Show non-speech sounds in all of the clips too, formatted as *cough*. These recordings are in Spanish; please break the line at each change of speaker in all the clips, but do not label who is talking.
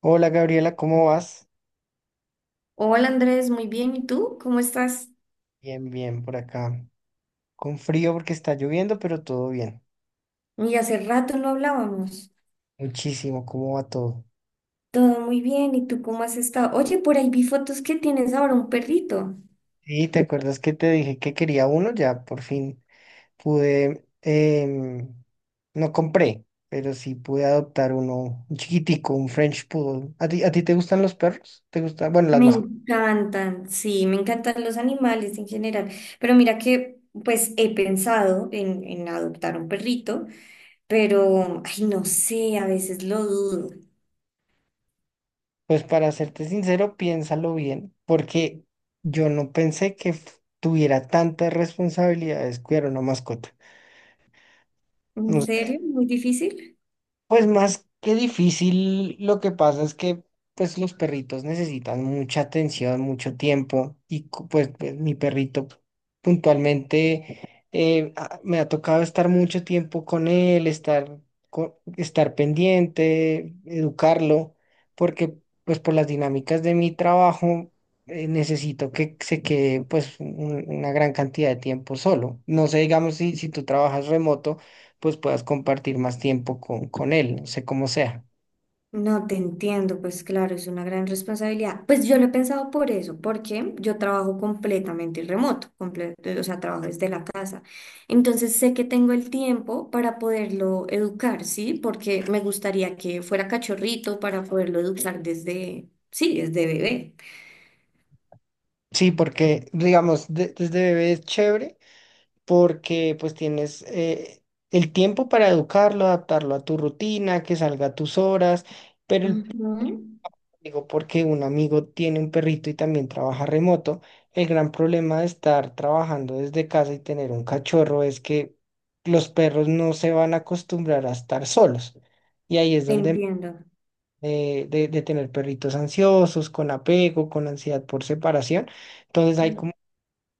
Hola Gabriela, ¿cómo vas?
Hola Andrés, muy bien. ¿Y tú? ¿Cómo estás?
Bien, bien, por acá. Con frío porque está lloviendo, pero todo bien.
Y hace rato no hablábamos.
Muchísimo, ¿cómo va todo?
Todo muy bien. ¿Y tú cómo has estado? Oye, por ahí vi fotos que tienes ahora un perrito.
Sí, ¿te acuerdas que te dije que quería uno? Ya por fin pude, no compré, pero sí pude adoptar uno, un chiquitico, un French Poodle. ¿A ti te gustan los perros? ¿Te gustan? Bueno, las
Me
mascotas.
encantan, sí, me encantan los animales en general. Pero mira que, pues he pensado en adoptar un perrito, pero, ay, no sé, a veces lo dudo.
Pues para serte sincero, piénsalo bien, porque yo no pensé que tuviera tantas responsabilidades cuidar una mascota.
¿En serio? ¿Muy difícil?
Pues más que difícil, lo que pasa es que pues los perritos necesitan mucha atención, mucho tiempo y pues mi perrito puntualmente me ha tocado estar mucho tiempo con él, estar, estar pendiente, educarlo, porque pues por las dinámicas de mi trabajo necesito que se quede pues una gran cantidad de tiempo solo. No sé, digamos, si tú trabajas remoto pues puedas compartir más tiempo con él, no sé cómo sea.
No te entiendo, pues claro, es una gran responsabilidad. Pues yo lo he pensado por eso, porque yo trabajo completamente remoto, o sea, trabajo desde la casa. Entonces sé que tengo el tiempo para poderlo educar, ¿sí? Porque me gustaría que fuera cachorrito para poderlo educar desde, sí, desde bebé.
Sí, porque digamos, desde bebé es chévere porque pues tienes el tiempo para educarlo, adaptarlo a tu rutina, que salga a tus horas, pero
Ujú.
digo, porque un amigo tiene un perrito y también trabaja remoto, el gran problema de estar trabajando desde casa y tener un cachorro es que los perros no se van a acostumbrar a estar solos. Y ahí es
Te
donde
entiendo.
de tener perritos ansiosos, con apego, con ansiedad por separación. Entonces hay como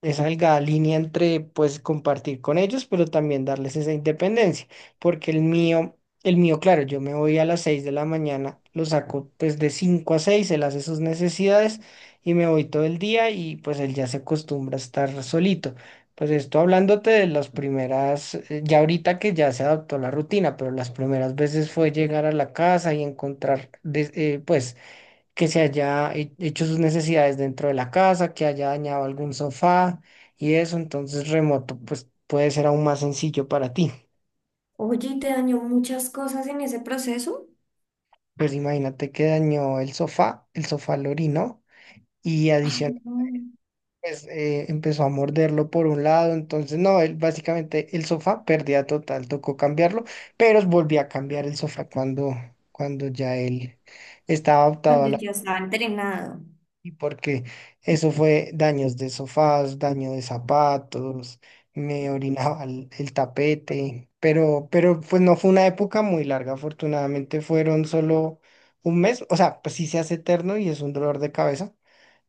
esa delgada línea entre pues compartir con ellos, pero también darles esa independencia, porque el mío, claro, yo me voy a las 6 de la mañana, lo saco pues de 5 a 6 él hace sus necesidades y me voy todo el día y pues él ya se acostumbra a estar solito. Pues esto hablándote de las primeras, ya ahorita que ya se adaptó la rutina, pero las primeras veces fue llegar a la casa y encontrar, pues que se haya hecho sus necesidades dentro de la casa, que haya dañado algún sofá y eso, entonces remoto, pues puede ser aún más sencillo para ti.
Oye, ¿y te dañó muchas cosas en ese proceso?
Pues imagínate que dañó el sofá lo orinó y
Ay,
adicional,
no,
pues empezó a morderlo por un lado, entonces no, él, básicamente el sofá perdía total, tocó cambiarlo, pero volví a cambiar el sofá cuando, cuando ya él estaba
cuando
adaptado.
ya estaba entrenado.
Y porque eso fue daños de sofás, daño de zapatos, me orinaba el tapete, pero pues no fue una época muy larga, afortunadamente fueron solo un mes, o sea, pues sí se hace eterno y es un dolor de cabeza,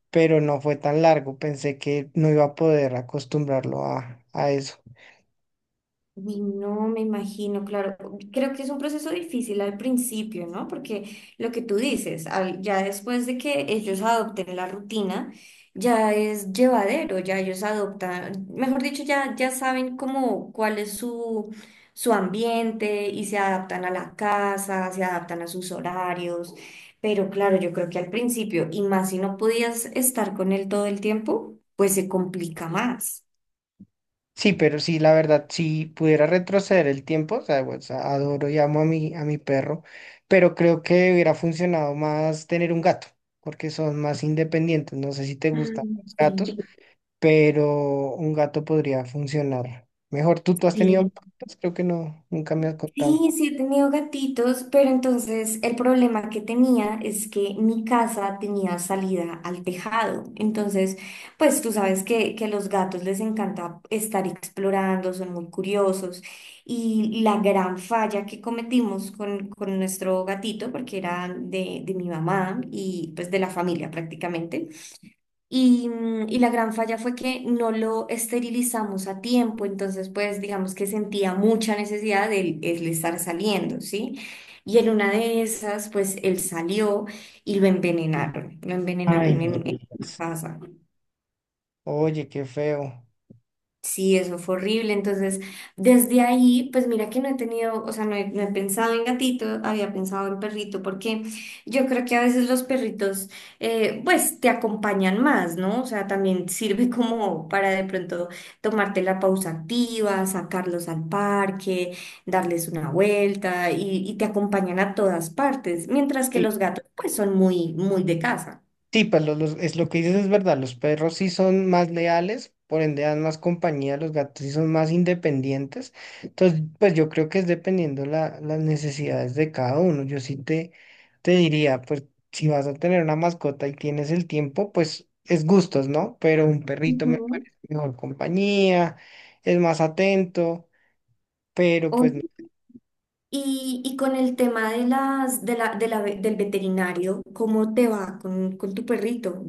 pero no fue tan largo, pensé que no iba a poder acostumbrarlo a eso.
Uy, no me imagino, claro. Creo que es un proceso difícil al principio, ¿no? Porque lo que tú dices, ya después de que ellos adopten la rutina, ya es llevadero, ya ellos adoptan, mejor dicho, ya saben cómo, cuál es su, su ambiente y se adaptan a la casa, se adaptan a sus horarios. Pero claro, yo creo que al principio, y más si no podías estar con él todo el tiempo, pues se complica más.
Sí, pero sí, la verdad, si pudiera retroceder el tiempo, o sea, pues, adoro y amo a mi perro, pero creo que hubiera funcionado más tener un gato, porque son más independientes. No sé si te gustan
Mm,
los gatos,
sí,
pero un gato podría funcionar mejor. ¿Tú has tenido
sí,
gatos? Creo que no, nunca me has contado.
sí, sí he tenido gatitos, pero entonces el problema que tenía es que mi casa tenía salida al tejado. Entonces, pues tú sabes que a los gatos les encanta estar explorando, son muy curiosos. Y la gran falla que cometimos con nuestro gatito, porque era de mi mamá y pues de la familia prácticamente, y, y la gran falla fue que no lo esterilizamos a tiempo, entonces pues digamos que sentía mucha necesidad de él, él estar saliendo, ¿sí? Y en una de esas pues él salió y lo
Ay,
envenenaron
no
en la
digas.
casa.
Oye, qué feo.
Sí, eso fue horrible. Entonces, desde ahí, pues mira que no he tenido, o sea, no he pensado en gatito, había pensado en perrito, porque yo creo que a veces los perritos, pues te acompañan más, ¿no? O sea, también sirve como para de pronto tomarte la pausa activa, sacarlos al parque, darles una vuelta y te acompañan a todas partes, mientras que los gatos, pues son muy, muy de casa.
Sí, pues es lo que dices es verdad, los perros sí son más leales, por ende dan más compañía, los gatos sí son más independientes. Entonces, pues yo creo que es dependiendo la, las necesidades de cada uno. Yo sí te diría, pues si vas a tener una mascota y tienes el tiempo, pues es gustos, ¿no? Pero un perrito me parece mejor compañía, es más atento, pero pues
Ujú. Y con el tema de las, de la, de la del veterinario, ¿cómo te va con tu perrito?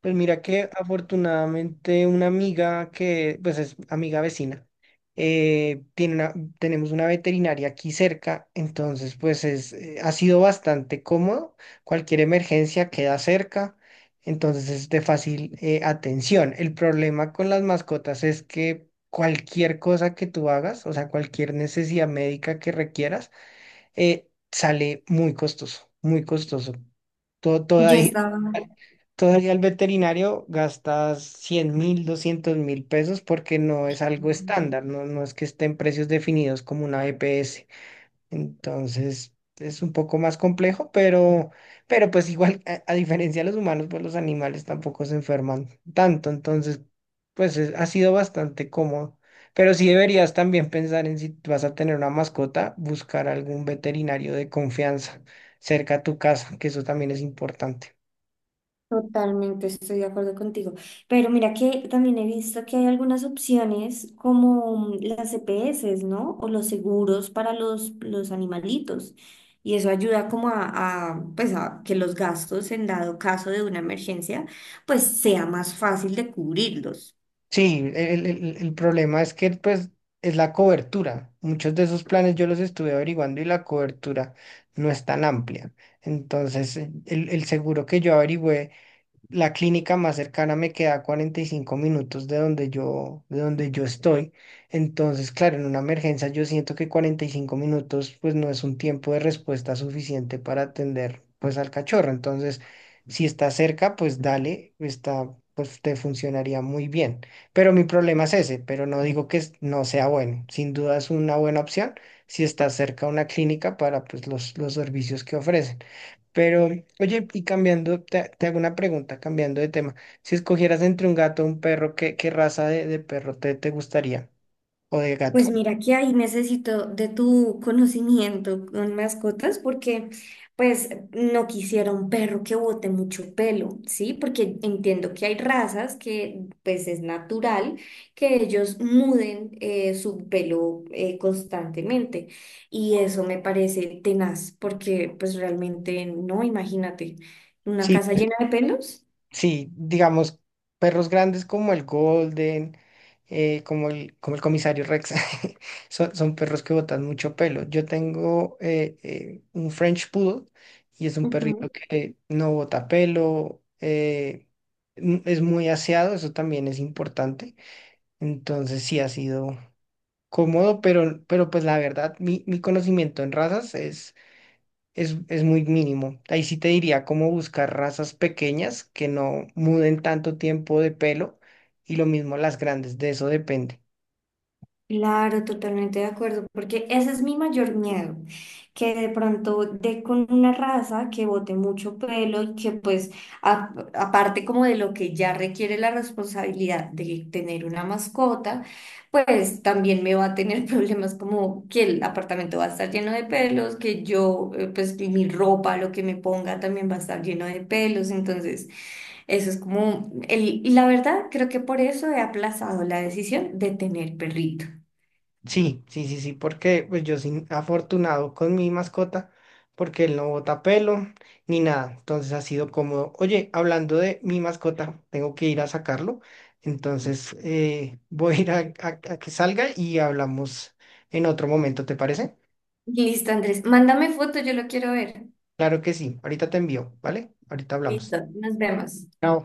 pues mira que afortunadamente una amiga que, pues es amiga vecina, tiene una, tenemos una veterinaria aquí cerca, entonces pues es, ha sido bastante cómodo, cualquier emergencia queda cerca, entonces es de fácil atención. El problema con las mascotas es que cualquier cosa que tú hagas, o sea, cualquier necesidad médica que requieras, sale muy costoso, muy costoso. Todo, todo
Yo
ahí
estaba.
todavía al veterinario gastas 100.000, 200.000 pesos porque no es algo estándar, no, no es que estén precios definidos como una EPS. Entonces es un poco más complejo, pero pues igual, a diferencia de los humanos, pues los animales tampoco se enferman tanto. Entonces, pues ha sido bastante cómodo. Pero sí deberías también pensar en si vas a tener una mascota, buscar algún veterinario de confianza cerca a tu casa, que eso también es importante.
Totalmente, estoy de acuerdo contigo. Pero mira que también he visto que hay algunas opciones como las EPS, ¿no? O los seguros para los animalitos. Y eso ayuda como a, pues a que los gastos en dado caso de una emergencia, pues sea más fácil de cubrirlos.
Sí, el problema es que pues es la cobertura. Muchos de esos planes yo los estuve averiguando y la cobertura no es tan amplia. Entonces, el seguro que yo averigüé la clínica más cercana me queda a 45 minutos de donde yo estoy. Entonces, claro, en una emergencia yo siento que 45 minutos pues no es un tiempo de respuesta suficiente para atender pues al cachorro. Entonces, si está cerca, pues dale, está, pues te funcionaría muy bien. Pero mi problema es ese, pero no digo que no sea bueno. Sin duda es una buena opción si está cerca una clínica para pues los servicios que ofrece. Pero, oye, y cambiando, te hago una pregunta, cambiando de tema. Si escogieras entre un gato o un perro, ¿qué raza de perro te gustaría? O de gato.
Pues mira que ahí necesito de tu conocimiento con mascotas porque pues no quisiera un perro que bote mucho pelo, ¿sí? Porque entiendo que hay razas que pues es natural que ellos muden su pelo constantemente y eso me parece tenaz porque pues realmente no, imagínate, una
Sí,
casa
pues,
llena de pelos.
sí, digamos, perros grandes como el Golden, como el comisario Rex, *laughs* son, son perros que botan mucho pelo. Yo tengo un French Poodle y es un perrito que no bota pelo, es muy aseado, eso también es importante. Entonces sí ha sido cómodo, pero pues la verdad, mi conocimiento en razas es muy mínimo. Ahí sí te diría cómo buscar razas pequeñas que no muden tanto tiempo de pelo y lo mismo las grandes, de eso depende.
Claro, totalmente de acuerdo, porque ese es mi mayor miedo, que de pronto dé con una raza que bote mucho pelo y que pues aparte como de lo que ya requiere la responsabilidad de tener una mascota, pues también me va a tener *laughs* problemas como que el apartamento va a estar lleno de pelos, que yo pues que mi ropa, lo que me ponga también va a estar lleno de pelos, entonces... Eso es como el, y la verdad, creo que por eso he aplazado la decisión de tener perrito.
Sí, porque pues yo soy afortunado con mi mascota, porque él no bota pelo ni nada, entonces ha sido cómodo. Oye, hablando de mi mascota, tengo que ir a sacarlo, entonces *laughs* voy a ir a, a que salga y hablamos en otro momento, ¿te parece?
Listo, Andrés. Mándame foto, yo lo quiero ver.
Claro que sí, ahorita te envío, ¿vale? Ahorita hablamos.
Listo, nos vemos.
Chao.